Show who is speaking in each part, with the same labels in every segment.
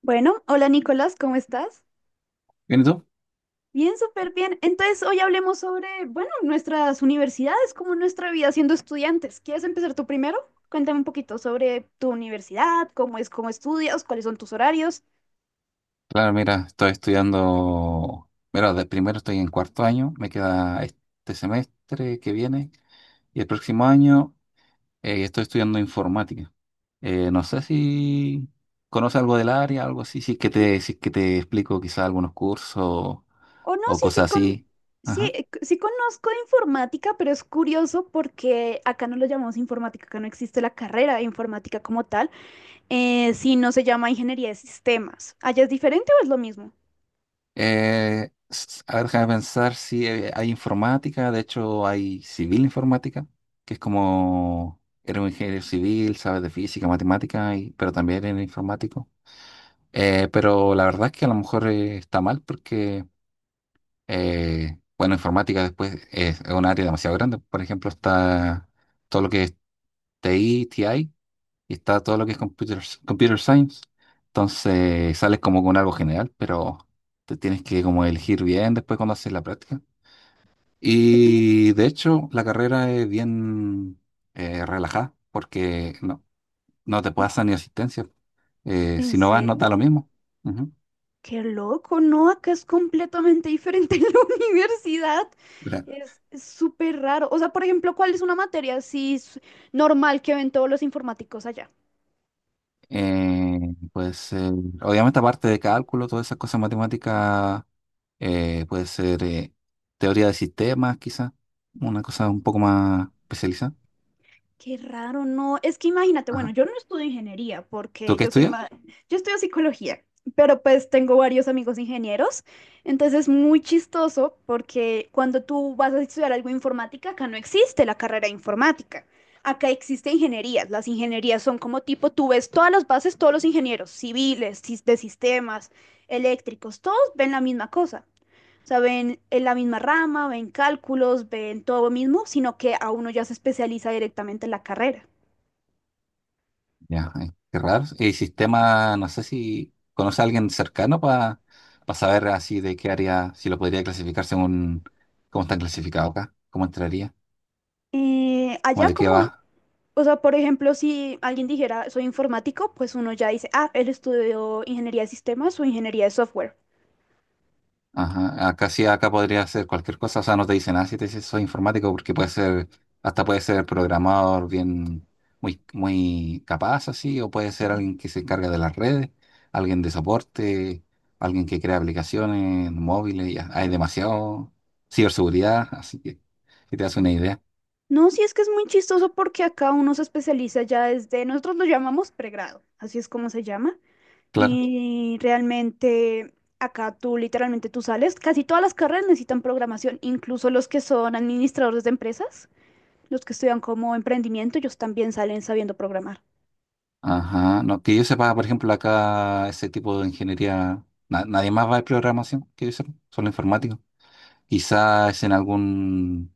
Speaker 1: Bueno, hola Nicolás, ¿cómo estás?
Speaker 2: ¿Bien y tú?
Speaker 1: Bien, súper bien. Entonces, hoy hablemos sobre, bueno, nuestras universidades, como nuestra vida siendo estudiantes. ¿Quieres empezar tú primero? Cuéntame un poquito sobre tu universidad, cómo es, cómo estudias, cuáles son tus horarios.
Speaker 2: Claro, mira, estoy estudiando. Mira, de primero estoy en cuarto año, me queda este semestre que viene y el próximo año estoy estudiando informática. No sé si conoces algo del área, algo así, si es que te explico quizás algunos cursos
Speaker 1: O no,
Speaker 2: o
Speaker 1: sí,
Speaker 2: cosas
Speaker 1: sí,
Speaker 2: así.
Speaker 1: sí,
Speaker 2: Ajá.
Speaker 1: sí conozco de informática, pero es curioso porque acá no lo llamamos informática, acá no existe la carrera de informática como tal, sino se llama ingeniería de sistemas. ¿Allá es diferente o es lo mismo?
Speaker 2: A ver, déjame pensar si hay informática, de hecho hay civil informática, que es como, eres un ingeniero civil, sabes de física, matemática, pero también eres informático. Pero la verdad es que a lo mejor está mal porque, bueno, informática después es un área demasiado grande. Por ejemplo, está todo lo que es TI y está todo lo que es computer science. Entonces sales como con algo general, pero te tienes que como elegir bien después cuando haces la práctica.
Speaker 1: Oye,
Speaker 2: Y de hecho la carrera es bien relajada porque no, no te pasan ni asistencia.
Speaker 1: ¿en
Speaker 2: Si no vas, no
Speaker 1: serio?
Speaker 2: da lo mismo. Ujú.
Speaker 1: Qué loco, ¿no? Acá es completamente diferente en la universidad.
Speaker 2: Claro.
Speaker 1: Es súper raro. O sea, por ejemplo, ¿cuál es una materia así normal que ven todos los informáticos allá?
Speaker 2: Eh, Puede ser, obviamente aparte de cálculo, todas esas cosas matemáticas, puede ser teoría de sistemas, quizás, una cosa un poco más especializada.
Speaker 1: Qué raro, no. Es que imagínate, bueno, yo no estudio ingeniería
Speaker 2: ¿Tú
Speaker 1: porque
Speaker 2: qué
Speaker 1: yo soy
Speaker 2: estudias?
Speaker 1: más, yo estudio psicología, pero pues tengo varios amigos ingenieros, entonces es muy chistoso porque cuando tú vas a estudiar algo de informática, acá no existe la carrera de informática. Acá existe ingenierías. Las ingenierías son como tipo, tú ves todas las bases, todos los ingenieros civiles, de sistemas, eléctricos, todos ven la misma cosa. O sea, ven en la misma rama, ven cálculos, ven todo lo mismo, sino que a uno ya se especializa directamente en la carrera.
Speaker 2: Ya, ay, qué raro. Y sistema, no sé si conoce a alguien cercano para saber así de qué área, si lo podría clasificar según cómo están clasificados acá, cómo entraría,
Speaker 1: Eh,
Speaker 2: como
Speaker 1: allá
Speaker 2: de qué
Speaker 1: como,
Speaker 2: va.
Speaker 1: o sea, por ejemplo, si alguien dijera soy informático, pues uno ya dice, ah, él estudió ingeniería de sistemas o ingeniería de software.
Speaker 2: Ajá, acá sí, acá podría ser cualquier cosa, o sea, no te dice nada si te dices soy informático, porque puede ser, hasta puede ser programador bien, muy capaz así, o puede ser alguien que se encarga de las redes, alguien de soporte, alguien que crea aplicaciones móviles, ya, hay demasiado ciberseguridad, así que te das una idea,
Speaker 1: No, sí es que es muy chistoso porque acá uno se especializa ya desde, nosotros lo llamamos pregrado, así es como se llama.
Speaker 2: claro.
Speaker 1: Y realmente acá tú literalmente tú sales, casi todas las carreras necesitan programación, incluso los que son administradores de empresas. Los que estudian como emprendimiento, ellos también salen sabiendo programar.
Speaker 2: Ajá, no, que yo sepa, por ejemplo, acá ese tipo de ingeniería, nadie más va de programación, que yo sepa, solo informático. Quizás en algún.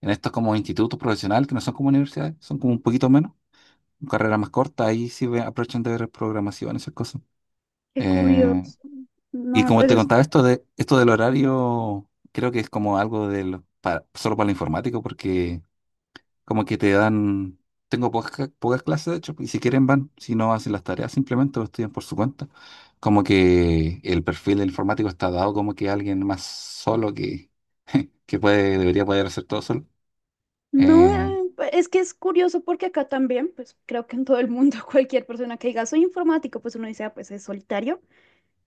Speaker 2: En estos como institutos profesionales, que no son como universidades, son como un poquito menos, carreras más cortas, ahí aprovechan de ver programación, esas cosas.
Speaker 1: Qué
Speaker 2: Eh,
Speaker 1: curioso. No
Speaker 2: y
Speaker 1: me
Speaker 2: como te
Speaker 1: parece.
Speaker 2: contaba, esto del horario, creo que es como algo de para, solo para el informático, porque como que te dan, tengo pocas clases, de hecho, y si quieren van, si no hacen las tareas simplemente o estudian por su cuenta. Como que el perfil del informático está dado como que alguien más solo que, que puede, debería poder hacer todo solo.
Speaker 1: No,
Speaker 2: Eh,
Speaker 1: es que es curioso porque acá también, pues creo que en todo el mundo, cualquier persona que diga soy informático, pues uno dice, "Ah, pues es solitario."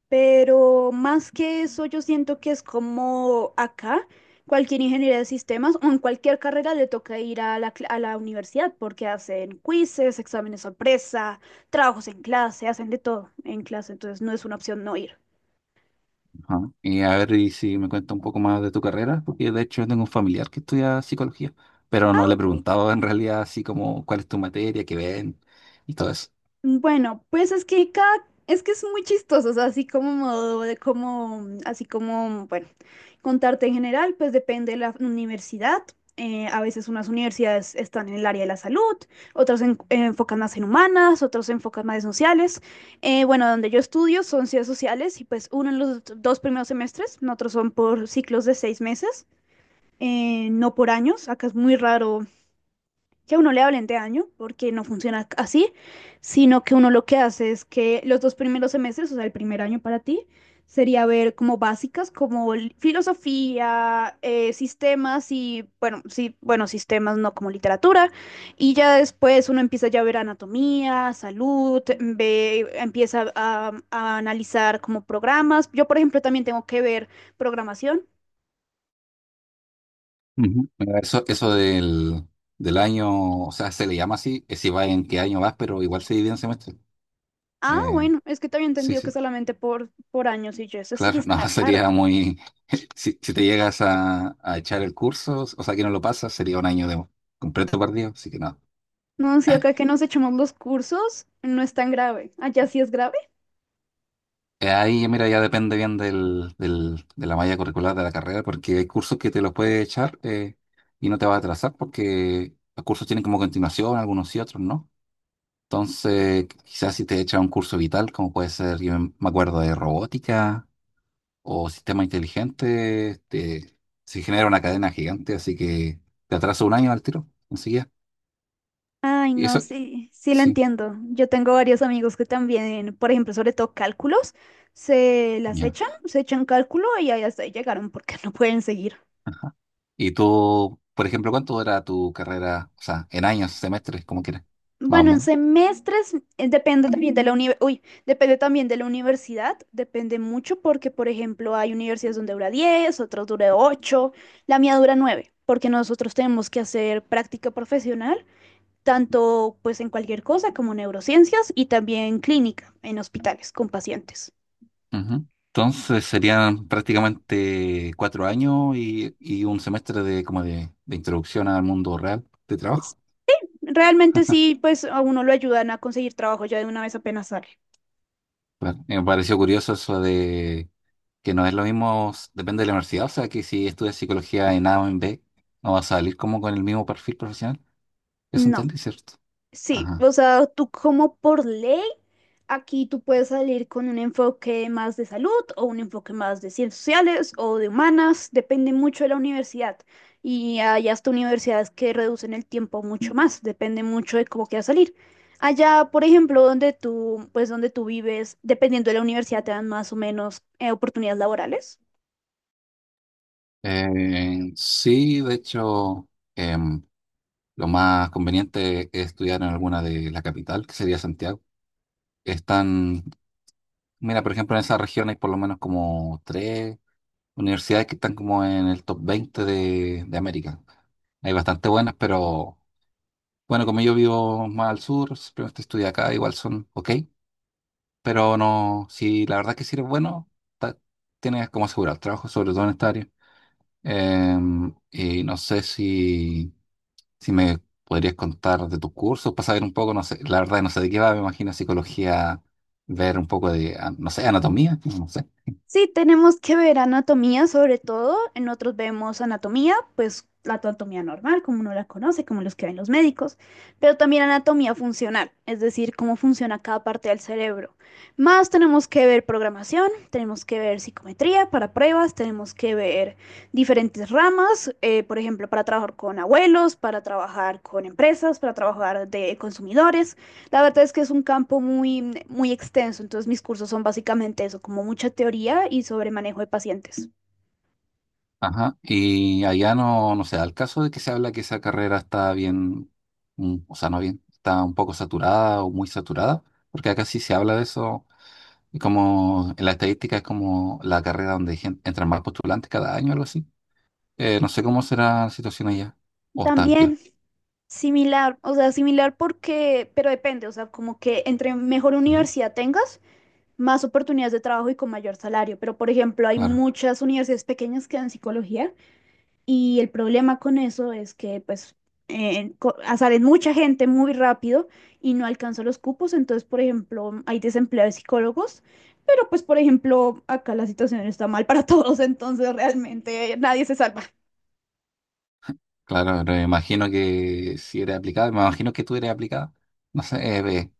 Speaker 1: Pero más que eso, yo siento que es como acá, cualquier ingeniería de sistemas o en cualquier carrera le toca ir a la universidad porque hacen quizzes, exámenes sorpresa, trabajos en clase, hacen de todo en clase, entonces no es una opción no ir.
Speaker 2: Ajá. A ver, si me cuenta un poco más de tu carrera, porque de hecho yo tengo un familiar que estudia psicología, pero no le he preguntado en realidad así como cuál es tu materia, qué ven y todo eso.
Speaker 1: Bueno, pues es que es muy chistoso, o sea, así como modo de como, así como, bueno, contarte en general, pues depende de la universidad. A veces unas universidades están en el área de la salud, otras enfocan más en humanas, otras se enfocan más en sociales. Bueno, donde yo estudio son ciencias sociales y pues uno en los dos primeros semestres, otros son por ciclos de 6 meses, no por años. Acá es muy raro que a uno le hablen de año, porque no funciona así, sino que uno lo que hace es que los dos primeros semestres, o sea, el primer año para ti, sería ver como básicas, como filosofía, sistemas y, bueno, sí, bueno, sistemas, no como literatura, y ya después uno empieza ya a ver anatomía, salud, ve, empieza a analizar como programas. Yo, por ejemplo, también tengo que ver programación.
Speaker 2: Ujú. Bueno, eso del año, o sea, se le llama así, es si va en qué año vas, pero igual se divide en semestre.
Speaker 1: Ah,
Speaker 2: Eh,
Speaker 1: bueno, es que te había
Speaker 2: sí,
Speaker 1: entendido que
Speaker 2: sí,
Speaker 1: solamente por años y yo, eso sí
Speaker 2: claro,
Speaker 1: está
Speaker 2: no,
Speaker 1: claro.
Speaker 2: sería muy... Si te llegas a echar el curso, o sea, que no lo pasas, sería un año de completo perdido, así que no.
Speaker 1: No, sí, acá que nos echamos los cursos, no es tan grave. Allá sí es grave.
Speaker 2: Ahí, mira, ya depende bien de la malla curricular de la carrera, porque hay cursos que te los puedes echar y no te va a atrasar, porque los cursos tienen como continuación, algunos y otros, ¿no? Entonces, quizás si te echas un curso vital, como puede ser, yo me acuerdo de robótica o sistema inteligente, se genera una cadena gigante, así que te atrasa un año al tiro, enseguida.
Speaker 1: Ay,
Speaker 2: Y
Speaker 1: no,
Speaker 2: eso,
Speaker 1: sí, sí lo
Speaker 2: sí,
Speaker 1: entiendo. Yo tengo varios amigos que también, por ejemplo, sobre todo cálculos, se las
Speaker 2: ya.
Speaker 1: echan, se echan cálculo y ahí hasta ahí llegaron porque no pueden seguir.
Speaker 2: Ajá. Y tú, por ejemplo, ¿cuánto dura tu carrera? O sea, en años, semestres, como quieras, más o
Speaker 1: Bueno, en
Speaker 2: menos.
Speaker 1: semestres, depende también de la universidad, depende mucho porque, por ejemplo, hay universidades donde dura 10, otras dura 8, la mía dura 9 porque nosotros tenemos que hacer práctica profesional tanto pues en cualquier cosa como neurociencias y también clínica en hospitales con pacientes.
Speaker 2: Ujú. Entonces serían prácticamente 4 años y un semestre de de introducción al mundo real de trabajo.
Speaker 1: Es- Realmente sí, pues a uno lo ayudan a conseguir trabajo ya de una vez apenas sale.
Speaker 2: Claro. Me pareció curioso eso de que no es lo mismo, depende de la universidad, o sea que si estudias psicología en A o en B, no vas a salir como con el mismo perfil profesional. Eso
Speaker 1: No.
Speaker 2: entendí, ¿cierto?
Speaker 1: Sí,
Speaker 2: Ajá.
Speaker 1: o sea, tú como por ley, aquí tú puedes salir con un enfoque más de salud o un enfoque más de ciencias sociales o de humanas, depende mucho de la universidad. Y hay hasta universidades que reducen el tiempo mucho más, depende mucho de cómo quieras salir. Allá, por ejemplo, donde tú, pues donde tú vives, dependiendo de la universidad, te dan más o menos oportunidades laborales.
Speaker 2: Sí, de hecho. em, Lo más conveniente es estudiar en alguna de la capital, que sería Santiago. Están, mira, por ejemplo, en esa región hay por lo menos como tres universidades que están como en el top 20 de América. Hay bastante buenas, pero bueno, como yo vivo más al sur, simplemente estudié acá, igual son ok, pero no, si la verdad que si eres bueno, ta- tienes como asegurar el trabajo, sobre todo en esta área. Y no sé si, si me podrías contar de tus cursos para saber un poco, no sé, la verdad no sé de qué va, me imagino psicología, ver un poco de, ah, no sé, anatomía, no sé.
Speaker 1: Sí, tenemos que ver anatomía sobre todo. En otros vemos anatomía, pues la anatomía normal, como uno la conoce, como los que ven los médicos, pero también anatomía funcional, es decir, cómo funciona cada parte del cerebro. Más tenemos que ver programación, tenemos que ver psicometría para pruebas, tenemos que ver diferentes ramas, por ejemplo, para trabajar con abuelos, para trabajar con empresas, para trabajar de consumidores. La verdad es que es un campo muy, muy extenso, entonces mis cursos son básicamente eso, como mucha teoría y sobre manejo de pacientes.
Speaker 2: Ajá, y allá no, no sé, al caso de que se habla que esa carrera está bien, mm, o sea, no bien, está un poco saturada o muy saturada, porque acá sí se habla de eso, y como en la estadística es como la carrera donde hay entran más postulantes cada año, algo así. No sé cómo será la situación allá, o estás bien.
Speaker 1: También similar, o sea, similar porque, pero depende, o sea, como que entre mejor universidad tengas, más oportunidades de trabajo y con mayor salario. Pero, por ejemplo, hay
Speaker 2: Claro,
Speaker 1: muchas universidades pequeñas que dan psicología. Y el problema con eso es que, pues, sale mucha gente muy rápido y no alcanza los cupos. Entonces, por ejemplo, hay desempleo de psicólogos, pero pues, por ejemplo, acá la situación está mal para todos, entonces realmente nadie se salva.
Speaker 2: claro, pero me imagino que si eres aplicado, me imagino que tú eres aplicado. No sé,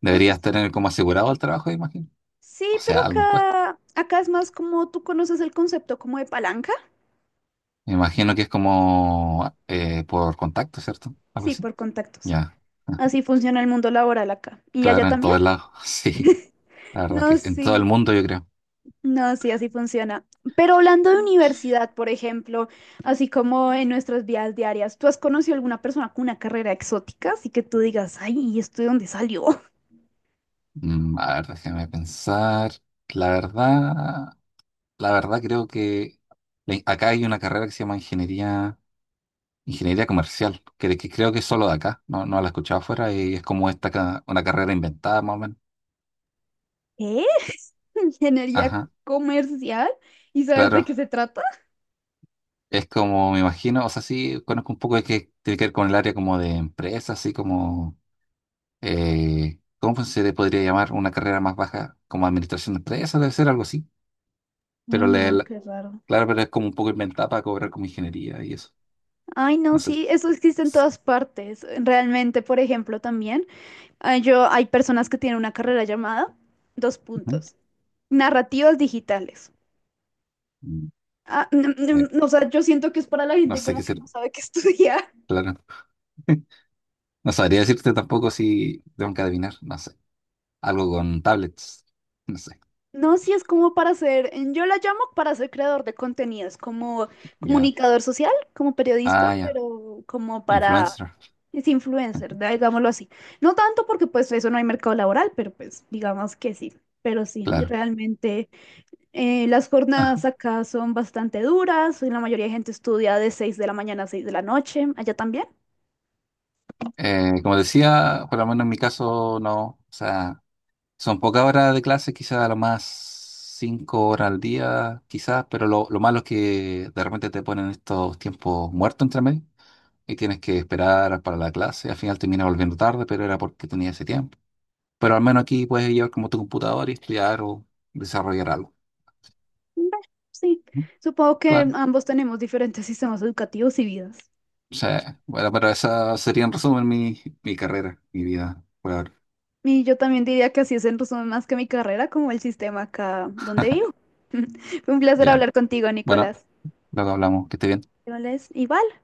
Speaker 2: deberías
Speaker 1: Es-
Speaker 2: tener como asegurado el trabajo, imagino.
Speaker 1: Sí,
Speaker 2: O
Speaker 1: pero
Speaker 2: sea, algún puesto.
Speaker 1: acá es más como tú conoces el concepto como de palanca.
Speaker 2: Me imagino que es como por contacto, ¿cierto? Algo
Speaker 1: Sí,
Speaker 2: así.
Speaker 1: por contactos.
Speaker 2: Ya.
Speaker 1: Así funciona el mundo laboral acá. ¿Y allá
Speaker 2: Claro, en
Speaker 1: también?
Speaker 2: todos lados. Sí, la verdad que
Speaker 1: No,
Speaker 2: sí, en todo el
Speaker 1: sí.
Speaker 2: mundo, yo creo.
Speaker 1: No, sí, así funciona. Pero hablando de universidad, por ejemplo, así como en nuestras vidas diarias, ¿tú has conocido alguna persona con una carrera exótica? Así que tú digas, ay, ¿y esto de dónde salió?
Speaker 2: Mm, a ver, déjame pensar. La verdad, la verdad creo que acá hay una carrera que se llama ingeniería. Ingeniería comercial, que creo que es solo de acá, no, no la he escuchado afuera y es como una carrera inventada más o menos.
Speaker 1: ¿Qué? ¿Ingeniería
Speaker 2: Ajá,
Speaker 1: comercial? ¿Y sabes de
Speaker 2: claro,
Speaker 1: qué se trata?
Speaker 2: es como me imagino, o sea, sí conozco un poco de que tiene que ver con el área como de empresa, así como, ¿cómo se le podría llamar una carrera más baja? Como administración de empresas, debe ser algo así, pero
Speaker 1: Ay, no, qué raro.
Speaker 2: claro, pero es como un poco inventada para cobrar como ingeniería y eso,
Speaker 1: Ay, no,
Speaker 2: no sé.
Speaker 1: sí, eso existe en
Speaker 2: S-
Speaker 1: todas partes. Realmente, por ejemplo, también hay personas que tienen una carrera llamada, dos
Speaker 2: Ujú.
Speaker 1: puntos, narrativas digitales.
Speaker 2: Mm,
Speaker 1: Ah,
Speaker 2: eh,
Speaker 1: o sea, yo siento que es para la
Speaker 2: no
Speaker 1: gente
Speaker 2: sé qué
Speaker 1: como que
Speaker 2: ser,
Speaker 1: no sabe qué estudiar.
Speaker 2: claro. No sabría decirte tampoco si tengo que adivinar, no sé. Algo con tablets. No sé.
Speaker 1: No, sí es como para ser, yo la llamo para ser creador de contenidos, como
Speaker 2: Ya.
Speaker 1: comunicador social, como periodista,
Speaker 2: Ah, ya.
Speaker 1: pero como para,
Speaker 2: Influencer.
Speaker 1: es influencer, digámoslo así. No tanto porque pues eso no hay mercado laboral, pero pues digamos que sí. Pero sí,
Speaker 2: Claro.
Speaker 1: realmente, las
Speaker 2: Ajá.
Speaker 1: jornadas acá son bastante duras, y la mayoría de gente estudia de 6 de la mañana a 6 de la noche, allá también.
Speaker 2: Como decía, por lo menos en mi caso, no. O sea, son pocas horas de clase, quizás a lo más 5 horas al día, quizás, pero lo malo es que de repente te ponen estos tiempos muertos entre medio y tienes que esperar para la clase. Al final terminas volviendo tarde, pero era porque tenía ese tiempo. Pero al menos aquí puedes llevar como tu computador y estudiar o desarrollar algo.
Speaker 1: Bueno, sí,
Speaker 2: Ujú.
Speaker 1: supongo que
Speaker 2: Claro.
Speaker 1: ambos tenemos diferentes sistemas educativos y vidas.
Speaker 2: O sea, bueno, pero esa sería en resumen mi carrera, mi vida por ahora.
Speaker 1: Y yo también diría que así es en resumen más que mi carrera, como el sistema acá donde vivo. Fue un placer
Speaker 2: Ya,
Speaker 1: hablar contigo,
Speaker 2: bueno,
Speaker 1: Nicolás.
Speaker 2: luego hablamos, que esté bien.
Speaker 1: Nicolás, y bye.